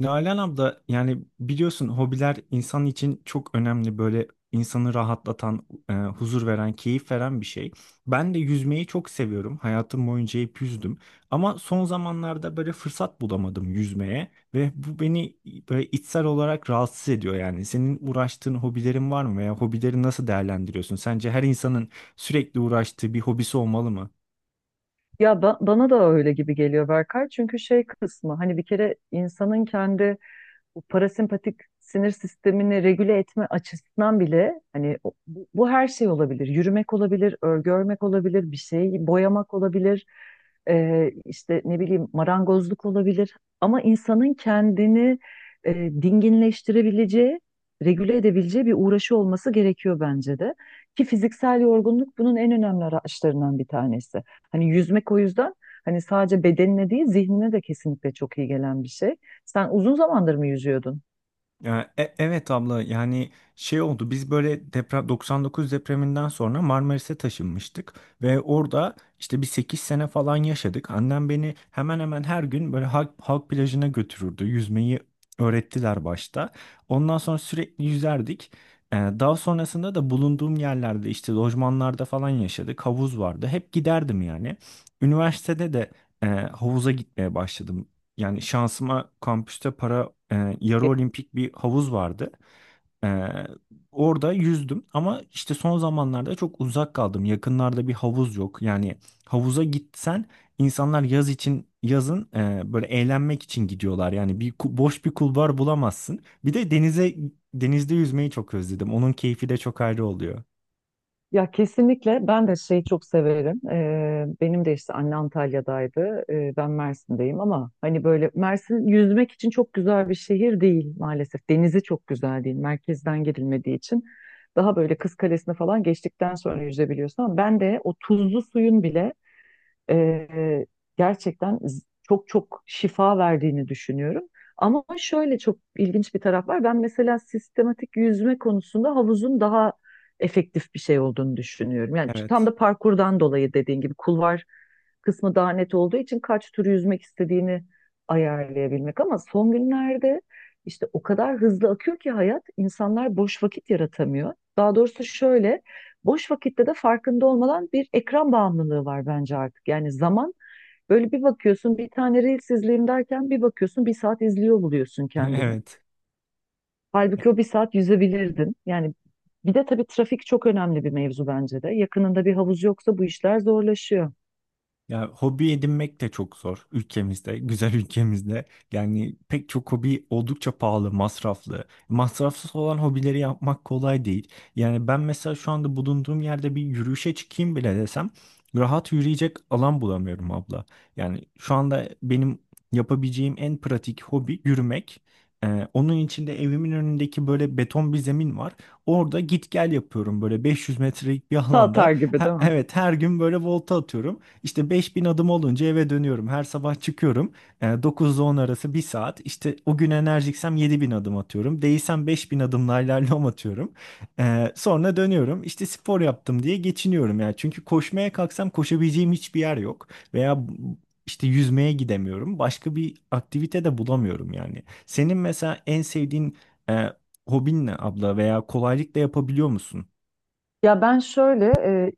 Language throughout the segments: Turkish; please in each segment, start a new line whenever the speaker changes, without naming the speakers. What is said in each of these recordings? Nalan abla, yani biliyorsun, hobiler insan için çok önemli, böyle insanı rahatlatan, huzur veren, keyif veren bir şey. Ben de yüzmeyi çok seviyorum. Hayatım boyunca hep yüzdüm. Ama son zamanlarda böyle fırsat bulamadım yüzmeye ve bu beni böyle içsel olarak rahatsız ediyor yani. Senin uğraştığın hobilerin var mı veya hobileri nasıl değerlendiriyorsun? Sence her insanın sürekli uğraştığı bir hobisi olmalı mı?
Bana da öyle gibi geliyor Berkay. Çünkü şey kısmı hani bir kere insanın kendi bu parasempatik sinir sistemini regüle etme açısından bile hani bu her şey olabilir. Yürümek olabilir, örgü örmek olabilir, bir şeyi boyamak olabilir. İşte ne bileyim marangozluk olabilir. Ama insanın kendini e, dinginleştirebileceği, regüle edebileceği bir uğraşı olması gerekiyor bence de. Ki fiziksel yorgunluk bunun en önemli araçlarından bir tanesi. Hani yüzmek o yüzden hani sadece bedenine değil zihnine de kesinlikle çok iyi gelen bir şey. Sen uzun zamandır mı yüzüyordun?
Ya, evet abla, yani şey oldu, biz böyle deprem 99 depreminden sonra Marmaris'e taşınmıştık ve orada işte bir 8 sene falan yaşadık. Annem beni hemen hemen her gün böyle halk plajına götürürdü. Yüzmeyi öğrettiler başta. Ondan sonra sürekli yüzerdik. Daha sonrasında da bulunduğum yerlerde, işte lojmanlarda falan yaşadık. Havuz vardı. Hep giderdim yani. Üniversitede de havuza gitmeye başladım. Yani şansıma kampüste yarı olimpik bir havuz vardı. E, Orada yüzdüm ama işte son zamanlarda çok uzak kaldım. Yakınlarda bir havuz yok. Yani havuza gitsen, insanlar yaz için, yazın böyle eğlenmek için gidiyorlar. Yani boş bir kulvar bulamazsın. Bir de denizde yüzmeyi çok özledim. Onun keyfi de çok ayrı oluyor.
Ya kesinlikle ben de şeyi çok severim. Benim de işte anne Antalya'daydı. Ben Mersin'deyim ama hani böyle Mersin yüzmek için çok güzel bir şehir değil maalesef. Denizi çok güzel değil. Merkezden girilmediği için daha böyle Kız Kalesi'ne falan geçtikten sonra yüzebiliyorsun ama ben de o tuzlu suyun bile e, gerçekten çok çok şifa verdiğini düşünüyorum. Ama şöyle çok ilginç bir taraf var. Ben mesela sistematik yüzme konusunda havuzun daha efektif bir şey olduğunu düşünüyorum. Yani tam
Evet.
da parkurdan dolayı dediğin gibi kulvar kısmı daha net olduğu için kaç tur yüzmek istediğini ayarlayabilmek. Ama son günlerde işte o kadar hızlı akıyor ki hayat insanlar boş vakit yaratamıyor. Daha doğrusu şöyle, boş vakitte de farkında olmadan bir ekran bağımlılığı var bence artık. Yani zaman böyle bir bakıyorsun bir tane Reels izleyeyim derken bir bakıyorsun bir saat izliyor buluyorsun kendini.
Evet.
Halbuki o bir saat yüzebilirdin. Yani bir de tabii trafik çok önemli bir mevzu bence de. Yakınında bir havuz yoksa bu işler zorlaşıyor.
Ya, hobi edinmek de çok zor ülkemizde, güzel ülkemizde. Yani pek çok hobi oldukça pahalı, masraflı. Masrafsız olan hobileri yapmak kolay değil. Yani ben mesela şu anda bulunduğum yerde bir yürüyüşe çıkayım bile desem, rahat yürüyecek alan bulamıyorum abla. Yani şu anda benim yapabileceğim en pratik hobi yürümek. Onun içinde evimin önündeki böyle beton bir zemin var. Orada git gel yapıyorum, böyle 500 metrelik bir alanda.
Tatar gibi
Ha,
değil mi?
evet, her gün böyle volta atıyorum. İşte 5000 adım olunca eve dönüyorum. Her sabah çıkıyorum. E, 9'da 10 arası bir saat. İşte o gün enerjiksem 7.000 adım atıyorum. Değilsem 5.000 adımla ilerliyorum, atıyorum. Sonra dönüyorum. İşte spor yaptım diye geçiniyorum yani. Çünkü koşmaya kalksam koşabileceğim hiçbir yer yok. Veya işte yüzmeye gidemiyorum. Başka bir aktivite de bulamıyorum yani. Senin mesela en sevdiğin e, hobin ne abla veya kolaylıkla yapabiliyor musun?
Ya ben şöyle,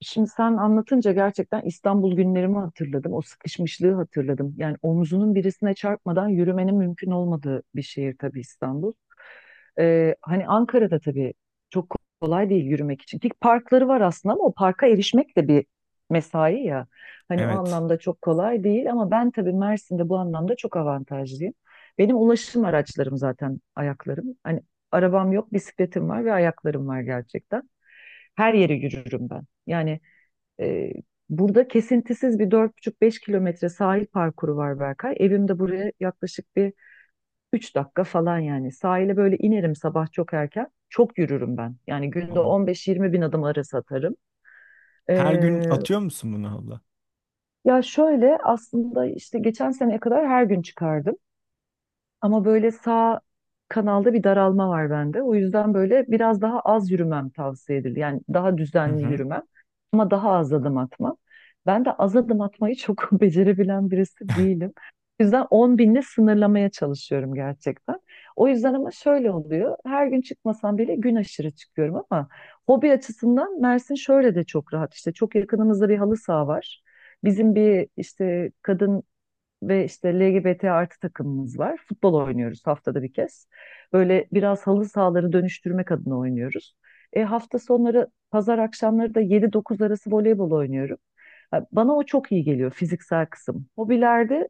şimdi sen anlatınca gerçekten İstanbul günlerimi hatırladım. O sıkışmışlığı hatırladım. Yani omzunun birisine çarpmadan yürümenin mümkün olmadığı bir şehir tabii İstanbul. Hani Ankara'da tabii çok kolay değil yürümek için. Ki parkları var aslında ama o parka erişmek de bir mesai ya. Hani o
Evet.
anlamda çok kolay değil ama ben tabii Mersin'de bu anlamda çok avantajlıyım. Benim ulaşım araçlarım zaten ayaklarım. Hani arabam yok, bisikletim var ve ayaklarım var gerçekten. Her yere yürürüm ben. Yani e, burada kesintisiz bir 4,5-5 kilometre sahil parkuru var Berkay. Evim de buraya yaklaşık bir 3 dakika falan yani. Sahile böyle inerim sabah çok erken. Çok yürürüm ben. Yani günde 15-20 bin adım arası atarım.
Her gün
Ee,
atıyor musun bunu abla?
ya şöyle aslında işte geçen seneye kadar her gün çıkardım. Ama böyle sağ kanalda bir daralma var bende. O yüzden böyle biraz daha az yürümem tavsiye edildi. Yani daha
Hı
düzenli
hı.
yürümem ama daha az adım atmam. Ben de az adım atmayı çok becerebilen birisi değilim. O yüzden 10 binle sınırlamaya çalışıyorum gerçekten. O yüzden ama şöyle oluyor. Her gün çıkmasam bile gün aşırı çıkıyorum ama hobi açısından Mersin şöyle de çok rahat. İşte çok yakınımızda bir halı saha var. Bizim bir işte kadın ve işte LGBT artı takımımız var. Futbol oynuyoruz haftada bir kez. Böyle biraz halı sahaları dönüştürmek adına oynuyoruz. Hafta sonları pazar akşamları da 7-9 arası voleybol oynuyorum. Ha, bana o çok iyi geliyor fiziksel kısım. Hobilerde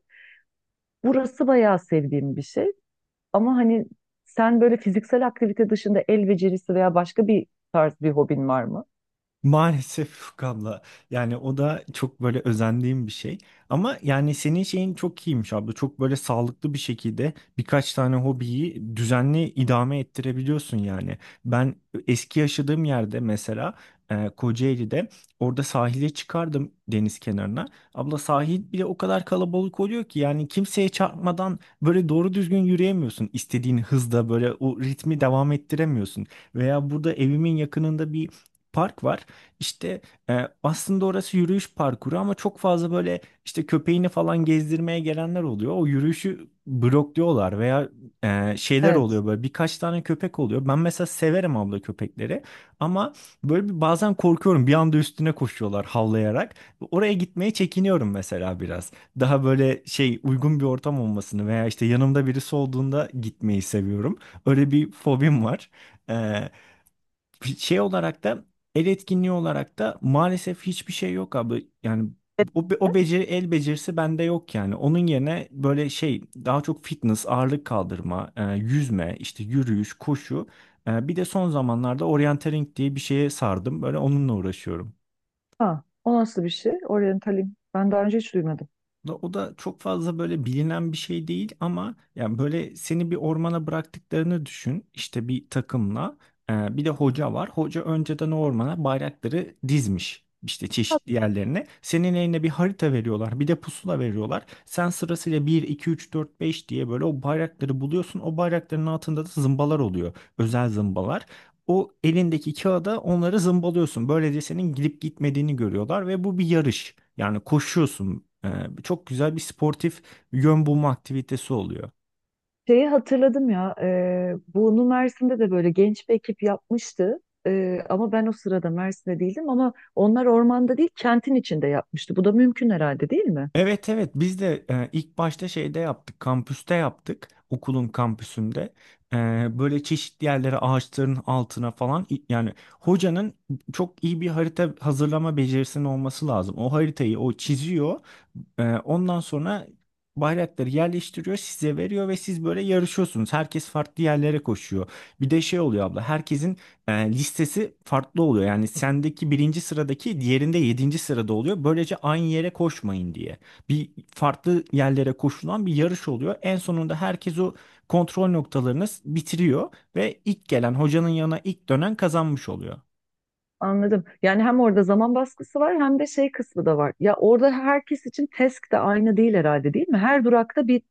burası bayağı sevdiğim bir şey. Ama hani sen böyle fiziksel aktivite dışında el becerisi veya başka bir tarz bir hobin var mı?
Maalesef abla, yani o da çok böyle özendiğim bir şey ama yani senin şeyin çok iyiymiş abla, çok böyle sağlıklı bir şekilde birkaç tane hobiyi düzenli idame ettirebiliyorsun. Yani ben eski yaşadığım yerde mesela Kocaeli'de, orada sahile çıkardım, deniz kenarına. Abla, sahil bile o kadar kalabalık oluyor ki, yani kimseye çarpmadan böyle doğru düzgün yürüyemiyorsun, istediğin hızda böyle o ritmi devam ettiremiyorsun. Veya burada evimin yakınında bir park var. İşte aslında orası yürüyüş parkuru ama çok fazla böyle işte köpeğini falan gezdirmeye gelenler oluyor. O yürüyüşü blokluyorlar veya şeyler
Evet.
oluyor, böyle birkaç tane köpek oluyor. Ben mesela severim abla köpekleri ama böyle bir bazen korkuyorum. Bir anda üstüne koşuyorlar havlayarak. Oraya gitmeye çekiniyorum mesela biraz. Daha böyle şey, uygun bir ortam olmasını veya işte yanımda birisi olduğunda gitmeyi seviyorum. Öyle bir fobim var. E, Şey olarak da, el etkinliği olarak da maalesef hiçbir şey yok abi. Yani o, be- o beceri el becerisi bende yok yani. Onun yerine böyle şey daha çok fitness, ağırlık kaldırma, yüzme, işte yürüyüş, koşu. Bir de son zamanlarda orienteering diye bir şeye sardım. Böyle onunla uğraşıyorum.
Ha, o nasıl bir şey? Oryantalin. Ben daha önce hiç duymadım.
O da çok fazla böyle bilinen bir şey değil ama yani böyle seni bir ormana bıraktıklarını düşün, işte bir takımla. Bir de hoca var. Hoca önceden o ormana bayrakları dizmiş, işte
Ha,
çeşitli yerlerine. Senin eline bir harita veriyorlar, bir de pusula veriyorlar. Sen sırasıyla bir, 2, 3, 4, 5 diye böyle o bayrakları buluyorsun. O bayrakların altında da zımbalar oluyor, özel zımbalar. O elindeki kağıda onları zımbalıyorsun. Böylece senin gidip gitmediğini görüyorlar ve bu bir yarış. Yani koşuyorsun. Çok güzel bir sportif yön bulma aktivitesi oluyor.
şeyi hatırladım ya. Bunu Mersin'de de böyle genç bir ekip yapmıştı. Ama ben o sırada Mersin'de değildim ama onlar ormanda değil kentin içinde yapmıştı. Bu da mümkün herhalde değil mi?
Evet, evet, biz de ilk başta şeyde yaptık, kampüste yaptık, okulun kampüsünde. E, Böyle çeşitli yerlere, ağaçların altına falan, yani hocanın çok iyi bir harita hazırlama becerisinin olması lazım. O haritayı o çiziyor. Ondan sonra bayrakları yerleştiriyor, size veriyor ve siz böyle yarışıyorsunuz. Herkes farklı yerlere koşuyor. Bir de şey oluyor abla, herkesin listesi farklı oluyor. Yani sendeki birinci sıradaki diğerinde yedinci sırada oluyor, böylece aynı yere koşmayın diye. Bir farklı yerlere koşulan bir yarış oluyor. En sonunda herkes o kontrol noktalarını bitiriyor ve ilk gelen hocanın yanına, ilk dönen kazanmış oluyor.
Anladım. Yani hem orada zaman baskısı var hem de şey kısmı da var. Ya orada herkes için task de aynı değil herhalde değil mi? Her durakta bir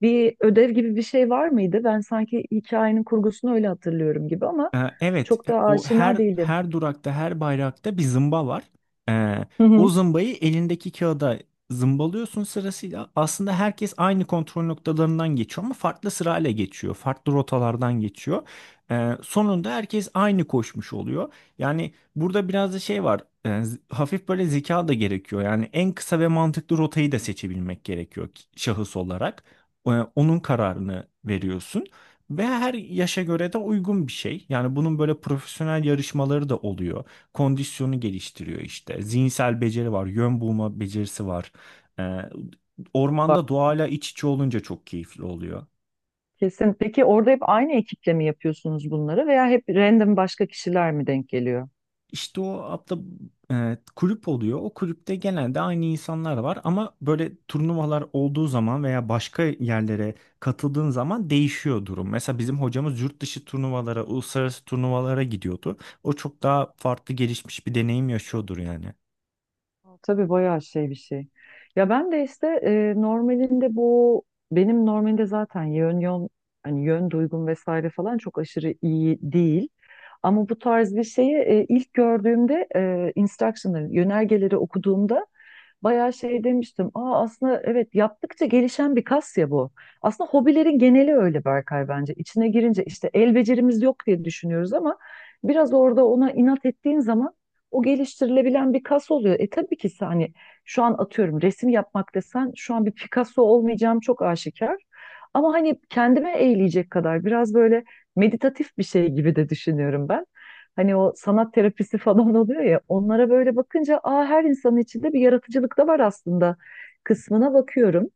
bir ödev gibi bir şey var mıydı? Ben sanki hikayenin kurgusunu öyle hatırlıyorum gibi ama
Evet,
çok da
o
aşina
her
değilim.
her durakta, her bayrakta bir zımba var. Ee,
Hı
O
hı.
zımbayı elindeki kağıda zımbalıyorsun sırasıyla. Aslında herkes aynı kontrol noktalarından geçiyor ama farklı sırayla geçiyor, farklı rotalardan geçiyor. Sonunda herkes aynı koşmuş oluyor. Yani burada biraz da şey var, hafif böyle zeka da gerekiyor. Yani en kısa ve mantıklı rotayı da seçebilmek gerekiyor, şahıs olarak. Ee, Onun kararını veriyorsun. Ve her yaşa göre de uygun bir şey. Yani bunun böyle profesyonel yarışmaları da oluyor. Kondisyonu geliştiriyor işte. Zihinsel beceri var, yön bulma becerisi var. Ee, Ormanda doğayla iç içe olunca çok keyifli oluyor.
Kesin. Peki orada hep aynı ekiple mi yapıyorsunuz bunları veya hep random başka kişiler mi denk geliyor?
İşte o abla, kulüp oluyor. O kulüpte genelde aynı insanlar var ama böyle turnuvalar olduğu zaman veya başka yerlere katıldığın zaman değişiyor durum. Mesela bizim hocamız yurt dışı turnuvalara, uluslararası turnuvalara gidiyordu. O çok daha farklı gelişmiş bir deneyim yaşıyordur yani.
Aa, tabii bayağı şey bir şey. Ya ben de işte normalinde bu benim normalinde zaten yön yön hani yön duygum vesaire falan çok aşırı iyi değil. Ama bu tarz bir şeyi ilk gördüğümde instruction'ları, yönergeleri okuduğumda bayağı şey demiştim. Aa, aslında evet yaptıkça gelişen bir kas ya bu. Aslında hobilerin geneli öyle Berkay bence. İçine girince işte el becerimiz yok diye düşünüyoruz ama biraz orada ona inat ettiğin zaman o geliştirilebilen bir kas oluyor. Tabii ki sen hani şu an atıyorum resim yapmak desen şu an bir Picasso olmayacağım çok aşikar. Ama hani kendime eğleyecek kadar biraz böyle meditatif bir şey gibi de düşünüyorum ben. Hani o sanat terapisi falan oluyor ya onlara böyle bakınca, aa, her insanın içinde bir yaratıcılık da var aslında kısmına bakıyorum.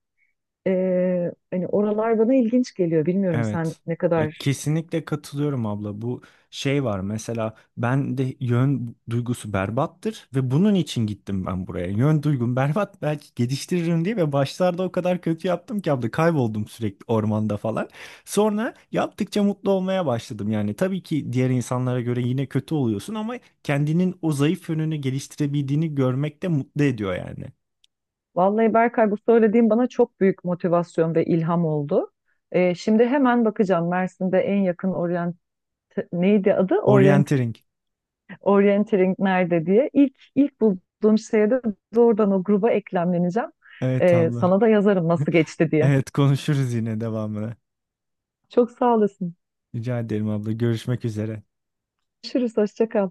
Hani oralar bana ilginç geliyor. Bilmiyorum sen
Evet.
ne
Ya,
kadar.
kesinlikle katılıyorum abla. Bu şey var, mesela ben de yön duygusu berbattır ve bunun için gittim ben buraya. Yön duygum berbat, belki geliştiririm diye, ve başlarda o kadar kötü yaptım ki abla, kayboldum sürekli ormanda falan. Sonra yaptıkça mutlu olmaya başladım. Yani tabii ki diğer insanlara göre yine kötü oluyorsun ama kendinin o zayıf yönünü geliştirebildiğini görmek de mutlu ediyor yani.
Vallahi Berkay bu söylediğin bana çok büyük motivasyon ve ilham oldu. Şimdi hemen bakacağım Mersin'de en yakın orient neydi adı?
Orienteering.
Orienteering nerede diye. İlk bulduğum şeye de doğrudan o gruba eklemleneceğim.
Evet abla.
Sana da yazarım nasıl geçti diye.
Evet, konuşuruz yine devamını.
Çok sağ olasın.
Rica ederim abla. Görüşmek üzere.
Görüşürüz. Hoşça kal.